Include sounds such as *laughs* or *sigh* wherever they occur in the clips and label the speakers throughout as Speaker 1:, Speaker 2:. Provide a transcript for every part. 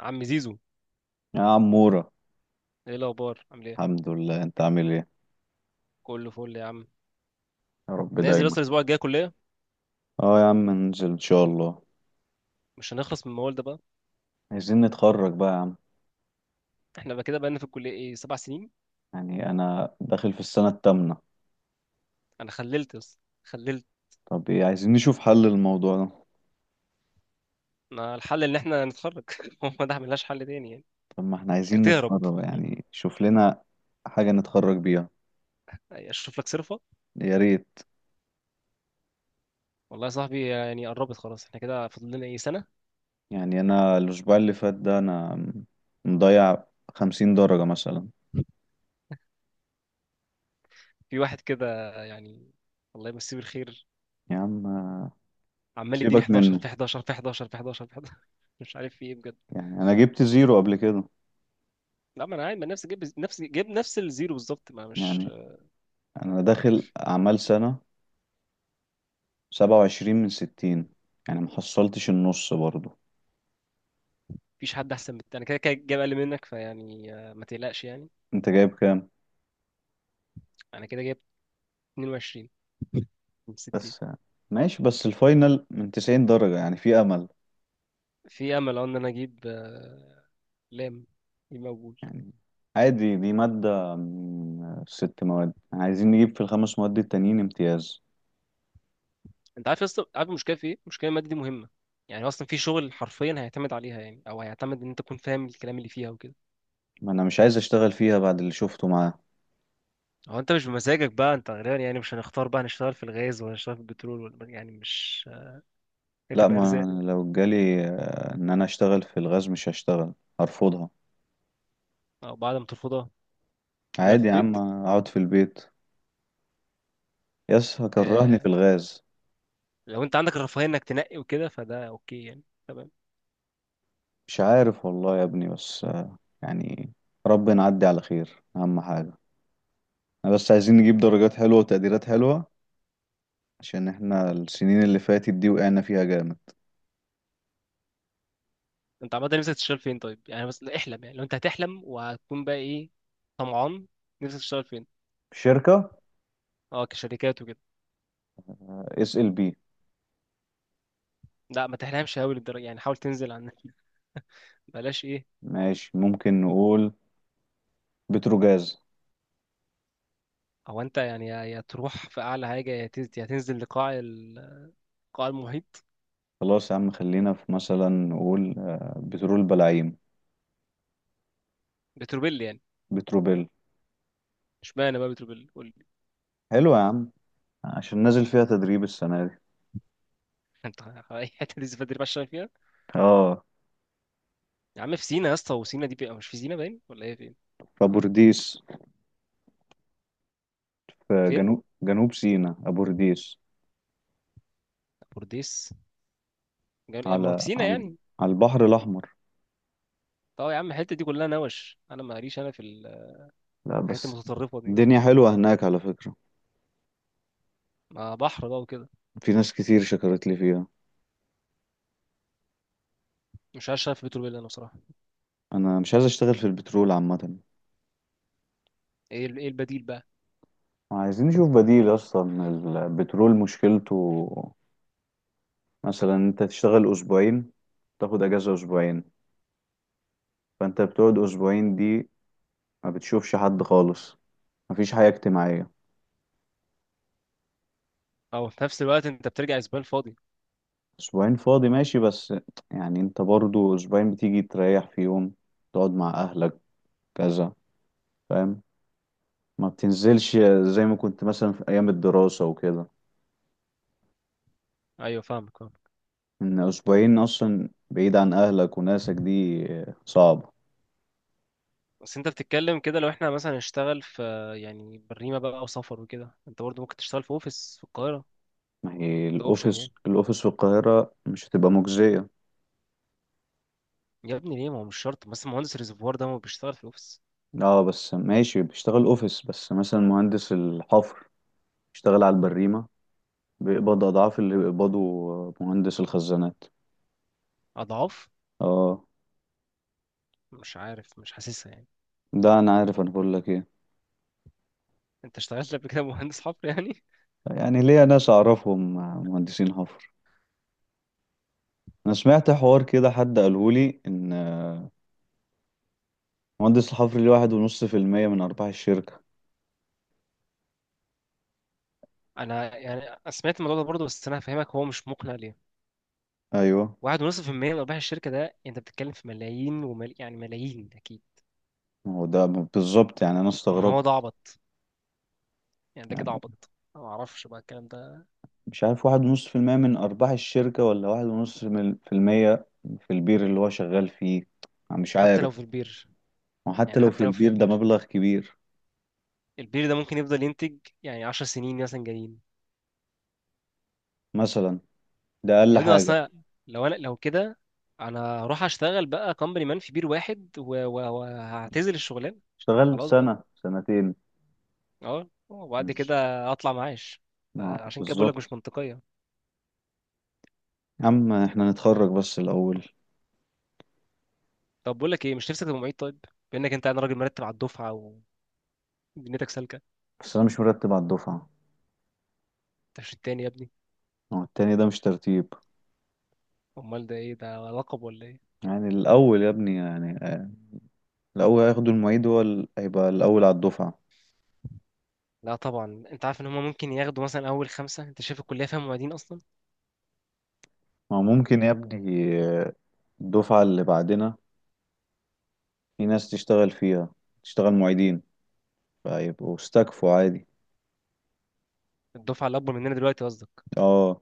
Speaker 1: عم زيزو.
Speaker 2: يا عمورة.
Speaker 1: ايه الاخبار، عامل ايه؟
Speaker 2: الحمد لله، انت عامل ايه؟
Speaker 1: كله فل يا عم.
Speaker 2: يا رب
Speaker 1: نازل
Speaker 2: دايما.
Speaker 1: اصلا الاسبوع الجاي كليه.
Speaker 2: اه يا عم، ننزل ان شاء الله.
Speaker 1: مش هنخلص من الموال ده بقى؟
Speaker 2: عايزين نتخرج بقى يا عم.
Speaker 1: احنا بقى كده بقالنا في الكليه ايه، سبع سنين.
Speaker 2: يعني انا داخل في السنة التامنة.
Speaker 1: انا خللت بس خللت.
Speaker 2: طب ايه؟ عايزين نشوف حل للموضوع ده.
Speaker 1: ما الحل ان احنا نتخرج. *laughs* هو ده ملهاش حل تاني يعني.
Speaker 2: طب ما احنا
Speaker 1: يا
Speaker 2: عايزين
Speaker 1: تهرب.
Speaker 2: نتخرج،
Speaker 1: م?
Speaker 2: يعني شوف لنا حاجة نتخرج بيها.
Speaker 1: اشوف لك صرفه.
Speaker 2: يا ريت.
Speaker 1: والله يا صاحبي يعني قربت خلاص، احنا كده فاضل لنا ايه، سنه.
Speaker 2: يعني انا الاسبوع اللي فات ده انا مضيع 50 درجة مثلا.
Speaker 1: في واحد كده يعني، الله يمسيه بالخير،
Speaker 2: يا عم
Speaker 1: عمال يديني
Speaker 2: سيبك
Speaker 1: 11
Speaker 2: منه.
Speaker 1: في 11 في 11 في 11 في 11. *laughs* مش عارف في ايه بجد.
Speaker 2: يعني انا جبت زيرو قبل كده.
Speaker 1: لا، ما انا عادي، ما نفسي جايب نفس الزيرو بالظبط، ما مش...
Speaker 2: يعني انا داخل اعمال سنة 27 من 60، يعني محصلتش النص برضو.
Speaker 1: مفيش حد احسن من التاني، كده كده جايب اقل منك، فيعني ما تقلقش يعني.
Speaker 2: انت جايب كام؟
Speaker 1: انا كده جايب 22 من 60.
Speaker 2: بس ماشي، بس الفاينل من 90 درجة، يعني في أمل.
Speaker 1: في امل اه، ان انا اجيب لام، يبقى مقبول.
Speaker 2: يعني عادي، دي مادة من ست مواد، عايزين نجيب في الخمس مواد التانيين امتياز.
Speaker 1: انت عارف يا اسطى، عارف المشكله في ايه؟ المشكله الماده دي مهمه يعني، اصلا في شغل حرفيا هيعتمد عليها، يعني او هيعتمد ان انت تكون فاهم الكلام اللي فيها وكده.
Speaker 2: ما أنا مش عايز أشتغل فيها بعد اللي شفته معاه.
Speaker 1: هو انت مش بمزاجك بقى، انت غالبا يعني مش هنختار بقى نشتغل في الغاز ولا نشتغل في البترول، ولا يعني مش... هي
Speaker 2: لا،
Speaker 1: بتبقى
Speaker 2: ما
Speaker 1: ارزاق.
Speaker 2: أنا لو جالي إن أنا أشتغل في الغاز مش هشتغل، هرفضها.
Speaker 1: او بعد ما ترفضها تفضل في
Speaker 2: عادي يا عم،
Speaker 1: البيت.
Speaker 2: أقعد في البيت، يس هكرهني في
Speaker 1: آه...
Speaker 2: الغاز.
Speaker 1: لو انت عندك الرفاهيه انك تنقي وكده، فده اوكي يعني، تمام.
Speaker 2: مش عارف والله يا ابني، بس يعني ربنا نعدي على خير، اهم حاجة. احنا بس عايزين نجيب درجات حلوة وتقديرات حلوة، عشان احنا السنين اللي فاتت دي وقعنا فيها جامد.
Speaker 1: انت عامه نفسك تشتغل فين طيب يعني؟ بس احلم يعني، لو انت هتحلم وهتكون بقى ايه، طمعان، نفسك تشتغل فين؟
Speaker 2: شركة
Speaker 1: اه، كشركات وكده.
Speaker 2: SLB.
Speaker 1: لا ما تحلمش قوي للدرجه يعني، حاول تنزل عن... *laughs* بلاش ايه.
Speaker 2: ماشي، ممكن نقول بتروجاز.
Speaker 1: هو انت يعني يا تروح في اعلى حاجه يا تنزل، يا تنزل لقاع قاع المحيط.
Speaker 2: خلاص يا عم، خلينا في مثلا نقول بترول بلاعيم.
Speaker 1: بتروبيل يعني.
Speaker 2: بتروبيل.
Speaker 1: اشمعنى بقى بتروبيل، قول لي.
Speaker 2: حلو يا عم، عشان نازل فيها تدريب السنة دي.
Speaker 1: *laughs* انت، اي حته دي بدري بقى تشتغل فيها؟
Speaker 2: اه.
Speaker 1: يا عم في سينا يا اسطى، وسينا دي بقى مش في سينا باين، ولا ايه، فين؟
Speaker 2: في أبورديس، في
Speaker 1: فين،
Speaker 2: جنوب جنوب سيناء أبورديس.
Speaker 1: بورديس؟ ما هو في
Speaker 2: على
Speaker 1: سينا
Speaker 2: على
Speaker 1: يعني.
Speaker 2: على البحر الأحمر.
Speaker 1: طب يا عم الحته دي كلها نوش، انا ماليش انا في
Speaker 2: لا
Speaker 1: الحاجات
Speaker 2: بس
Speaker 1: المتطرفه دي.
Speaker 2: الدنيا حلوة هناك على فكرة،
Speaker 1: ما بحر بقى وكده.
Speaker 2: في ناس كتير شكرت لي فيها.
Speaker 1: مش عارف، شايف بيتر بيلا انا بصراحه.
Speaker 2: أنا مش عايز أشتغل في البترول عامة،
Speaker 1: ايه ايه البديل بقى؟
Speaker 2: عايزين نشوف بديل أصلا. البترول مشكلته مثلا أنت تشتغل أسبوعين، تاخد أجازة أسبوعين، فأنت بتقعد أسبوعين دي ما بتشوفش حد خالص، مفيش حياة اجتماعية.
Speaker 1: او في نفس الوقت انت بترجع اسبان فاضي.
Speaker 2: أسبوعين فاضي ماشي، بس يعني أنت برضو أسبوعين بتيجي تريح في يوم، تقعد مع أهلك، كذا، فاهم؟ ما بتنزلش زي ما كنت مثلا في أيام الدراسة وكده.
Speaker 1: ايوه، فاهمك، فاهم.
Speaker 2: ان اسبوعين اصلا بعيد عن اهلك وناسك دي صعبة.
Speaker 1: بس انت بتتكلم كده، لو احنا مثلا نشتغل في يعني بريمه بقى او سفر وكده، انت برضه ممكن تشتغل في اوفيس في القاهره.
Speaker 2: ما هي
Speaker 1: ده اوبشن
Speaker 2: الاوفيس،
Speaker 1: يعني.
Speaker 2: الاوفيس في القاهرة مش هتبقى مجزية.
Speaker 1: يا ابني ليه؟ ما هو مش شرط، بس مهندس الريزرفوار ده ما بيشتغل في الاوفيس.
Speaker 2: اه بس ماشي بيشتغل اوفيس، بس مثلا مهندس الحفر بيشتغل على البريمة، بيقبض اضعاف اللي بيقبضه مهندس الخزانات.
Speaker 1: اضعاف؟
Speaker 2: اه،
Speaker 1: مش عارف، مش حاسسها يعني.
Speaker 2: ده انا عارف، انا بقول لك ايه.
Speaker 1: انت اشتغلت قبل كده؟ *laughs* مهندس حفر يعني.
Speaker 2: يعني ليا ناس اعرفهم مهندسين حفر. انا سمعت حوار كده، حد قالهولي ان مهندس الحفر ليه 1.5% من ارباح الشركة.
Speaker 1: *laughs* انا يعني، أنا سمعت الموضوع ده برضه، بس انا هفهمك هو مش مقنع ليه.
Speaker 2: ايوه.
Speaker 1: واحد ونص في المية من أرباح الشركة؟ ده أنت بتتكلم في ملايين يعني ملايين أكيد.
Speaker 2: ما هو ده بالظبط، يعني انا
Speaker 1: ما هو
Speaker 2: استغربت.
Speaker 1: ده عبط، يعني ده كده
Speaker 2: يعني
Speaker 1: عبط. أنا ما اعرفش بقى الكلام ده.
Speaker 2: مش عارف 1.5% من أرباح الشركة، ولا واحد ونص في المية في البير اللي هو شغال فيه. أنا مش
Speaker 1: حتى
Speaker 2: عارف.
Speaker 1: لو في البير. يعني
Speaker 2: وحتى لو
Speaker 1: حتى
Speaker 2: في
Speaker 1: لو في
Speaker 2: البير ده
Speaker 1: البير،
Speaker 2: مبلغ كبير.
Speaker 1: البير ده ممكن يفضل ينتج يعني 10 سنين مثلا جايين.
Speaker 2: مثلا، ده أقل
Speaker 1: يا ابني
Speaker 2: حاجة.
Speaker 1: اصلا، لو انا لو كده، انا هروح اشتغل بقى كومباني مان في بير واحد وهعتزل الشغلانه.
Speaker 2: اشتغلت
Speaker 1: خلاص بقى.
Speaker 2: سنة سنتين.
Speaker 1: اه وبعد كده
Speaker 2: مش.
Speaker 1: اطلع معاش. عشان كده بقول لك مش
Speaker 2: بالظبط.
Speaker 1: منطقيه.
Speaker 2: يا عم احنا نتخرج بس الأول.
Speaker 1: طب بقول لك ايه، مش نفسك تبقى معيد طيب؟ بانك انت، انا راجل مرتب على الدفعه، ودنيتك سالكه.
Speaker 2: بس أنا مش مرتب على الدفعة.
Speaker 1: انت مش التاني يا ابني؟
Speaker 2: هو التاني ده مش ترتيب.
Speaker 1: امال ده ايه ده، لقب ولا ايه؟
Speaker 2: يعني الأول يا ابني، يعني الأول هياخدوا المعيد، هو هيبقى الأول على الدفعة.
Speaker 1: لا طبعا، انت عارف ان هم ممكن ياخدوا مثلا اول خمسه، انت شايف الكليه فيها معيدين اصلا.
Speaker 2: ما ممكن يا ابني، الدفعة اللي بعدنا في ناس تشتغل فيها، تشتغل معيدين، فيبقوا استكفوا عادي.
Speaker 1: الدفعه الاكبر مننا دلوقتي قصدك؟
Speaker 2: اه.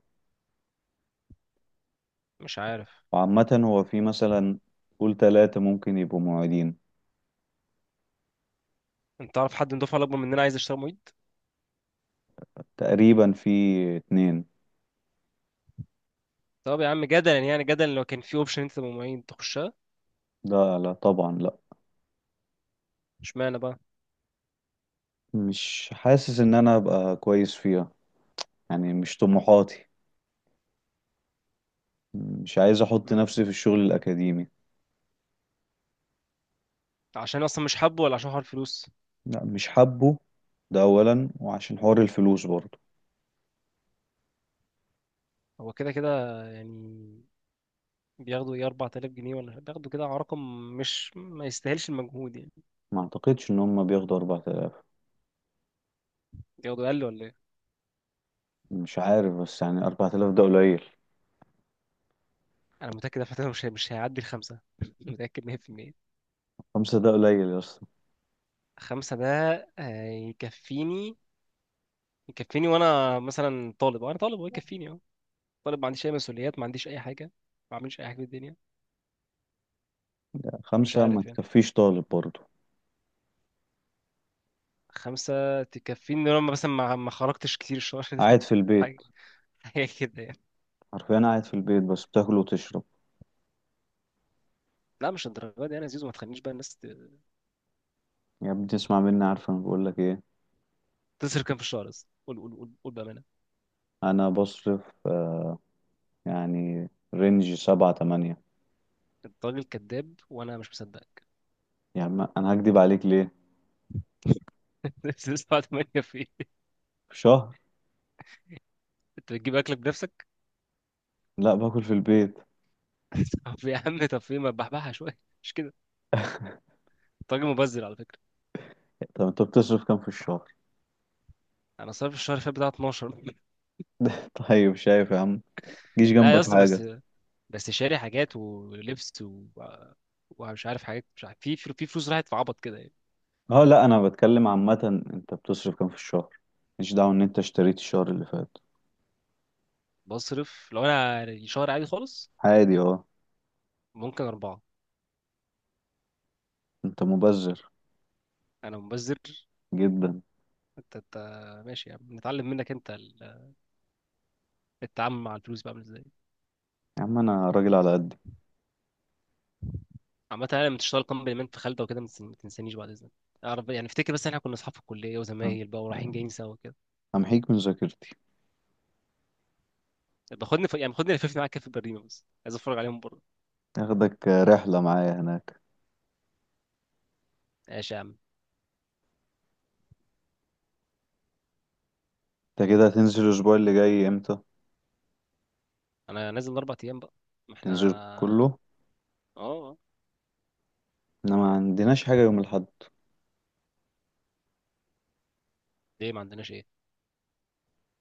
Speaker 1: مش عارف.
Speaker 2: وعامة هو في مثلا قول تلاتة ممكن يبقوا معيدين.
Speaker 1: انت تعرف حد من الدفعه الاكبر مننا عايز يشتغل معيد؟
Speaker 2: تقريبا في اتنين.
Speaker 1: طب يا عم جدلا يعني، جدلا لو كان في اوبشن انت تبقى معيد، تخشها؟
Speaker 2: لا، لا طبعا، لا.
Speaker 1: اشمعنى بقى؟
Speaker 2: مش حاسس ان انا ابقى كويس فيها، يعني مش طموحاتي، مش عايز احط
Speaker 1: مم.
Speaker 2: نفسي في الشغل الاكاديمي.
Speaker 1: عشان اصلا مش حابه ولا عشان حوار الفلوس؟
Speaker 2: لا مش حابه. ده اولا، وعشان حوار الفلوس برضه.
Speaker 1: هو كده كده يعني، بياخدوا ايه، 4000 جنيه ولا بياخدوا كده على رقم مش، ما يستاهلش المجهود يعني.
Speaker 2: ما اعتقدش ان هم بياخدوا 4000.
Speaker 1: بياخدوا اقل ولا ايه؟
Speaker 2: مش عارف، بس يعني 4000 ده قليل.
Speaker 1: انا متاكد دفعتنا مش هيعدي الخمسه. *laughs* متاكد 100%.
Speaker 2: خمسة ده قليل يا اسطى.
Speaker 1: خمسة ده هيكفيني، يكفيني وانا مثلا طالب، انا طالب هو يكفيني اه، طالب، ما عنديش اي مسؤوليات، ما عنديش اي حاجه، ما بعملش اي حاجه في الدنيا. مش
Speaker 2: خمسة ما
Speaker 1: عارف يعني،
Speaker 2: تكفيش طالب برضه.
Speaker 1: خمسه تكفيني لما مثلا ما خرجتش كتير الشهر ده.
Speaker 2: قاعد في
Speaker 1: *laughs*
Speaker 2: البيت،
Speaker 1: حاجه، حاجه كده يعني.
Speaker 2: حرفيا قاعد في البيت بس بتاكل وتشرب.
Speaker 1: لا مش الدرجه دي يعني يا زيزو، ما تخلينيش بقى الناس
Speaker 2: يا ابني تسمع مني، عارف انا بقول لك ايه.
Speaker 1: تصرف كام في الشهر بس، قول قول قول قول بامانه.
Speaker 2: انا بصرف آه، يعني رينج 7 8.
Speaker 1: انت راجل كذاب وانا مش مصدقك.
Speaker 2: يعني ما انا هكدب عليك ليه.
Speaker 1: *laughs* بس لسه، بعد ما هي في إيه؟
Speaker 2: في شهر.
Speaker 1: انت بتجيب اكلك بنفسك؟
Speaker 2: لا باكل في البيت.
Speaker 1: *laughs* طب يا عم، طب في، ما تبحبحها شويه، مش كده؟ انت راجل مبذر على فكره.
Speaker 2: طب انت بتصرف كام في الشهر؟
Speaker 1: انا صرف الشهر اللي فات بتاع 12.
Speaker 2: *laughs* طيب شايف يا عم؟
Speaker 1: *laughs*
Speaker 2: جيش
Speaker 1: لا يا
Speaker 2: جنبك فاهم
Speaker 1: اسطى
Speaker 2: حاجة.
Speaker 1: بس، بس شاري حاجات ولبس ومش عارف حاجات، مش عارف في فلوس راحت في عبط كده يعني.
Speaker 2: اه لا انا بتكلم عامة، انت بتصرف كام في الشهر؟ مش دعوة ان انت اشتريت الشهر اللي فات.
Speaker 1: بصرف، لو انا الشهر عادي خالص،
Speaker 2: عادي اه.
Speaker 1: ممكن أربعة.
Speaker 2: انت مبذر
Speaker 1: أنا مبذر،
Speaker 2: جدا.
Speaker 1: أنت أنت... ماشي يا عم، نتعلم منك أنت التعامل مع الفلوس بقى عامل إزاي.
Speaker 2: يا عم انا راجل على قدي.
Speaker 1: عامة، أنا لما تشتغل كومبلمنت في خالدة وكده، ما ما تنسانيش بعد إذنك، أعرف يعني، أفتكر، بس إحنا كنا أصحاب في الكلية
Speaker 2: آه،
Speaker 1: وزمايل بقى، ورايحين جايين سوا كده.
Speaker 2: همحيك من ذاكرتي.
Speaker 1: يعني باخدني لففني معاك كده في البريمة، بس عايز أتفرج عليهم بره.
Speaker 2: اخدك رحلة معايا هناك.
Speaker 1: ماشي يا عم.
Speaker 2: انت كده هتنزل الاسبوع اللي جاي امتى؟
Speaker 1: أنا نازل أربع أيام بقى، ما
Speaker 2: تنزل
Speaker 1: إحنا...
Speaker 2: كله؟
Speaker 1: آه.
Speaker 2: احنا ما عندناش حاجة يوم الاحد.
Speaker 1: ليه، ما عندناش إيه؟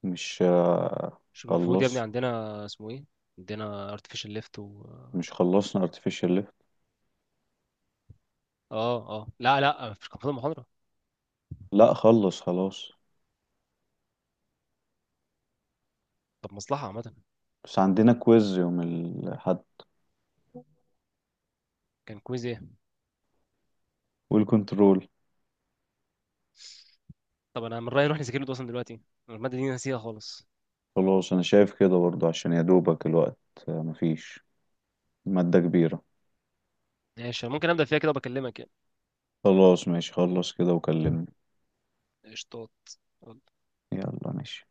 Speaker 2: مش آه،
Speaker 1: مش المفروض يا ابني
Speaker 2: خلص.
Speaker 1: عندنا، اسمه ايه، عندنا artificial lift و...
Speaker 2: مش خلصنا artificial lift؟
Speaker 1: اه اه، لا لا، مش كان فاضل محاضرة؟
Speaker 2: لا خلص خلاص.
Speaker 1: طب مصلحة عامة.
Speaker 2: بس عندنا كويز يوم الاحد
Speaker 1: كان كويز ايه؟
Speaker 2: والكنترول.
Speaker 1: طب انا من رأيي نروح نذاكر له ده اصلا دلوقتي، أنا المادة دي نسيها خالص.
Speaker 2: خلاص انا شايف كده برضو، عشان يا دوبك الوقت مفيش مادة كبيرة.
Speaker 1: ماشي، أنا ممكن ابدأ فيها كده وبكلمك يعني.
Speaker 2: خلاص ماشي، خلص كده وكلمني.
Speaker 1: قشطات.
Speaker 2: يلا ماشي.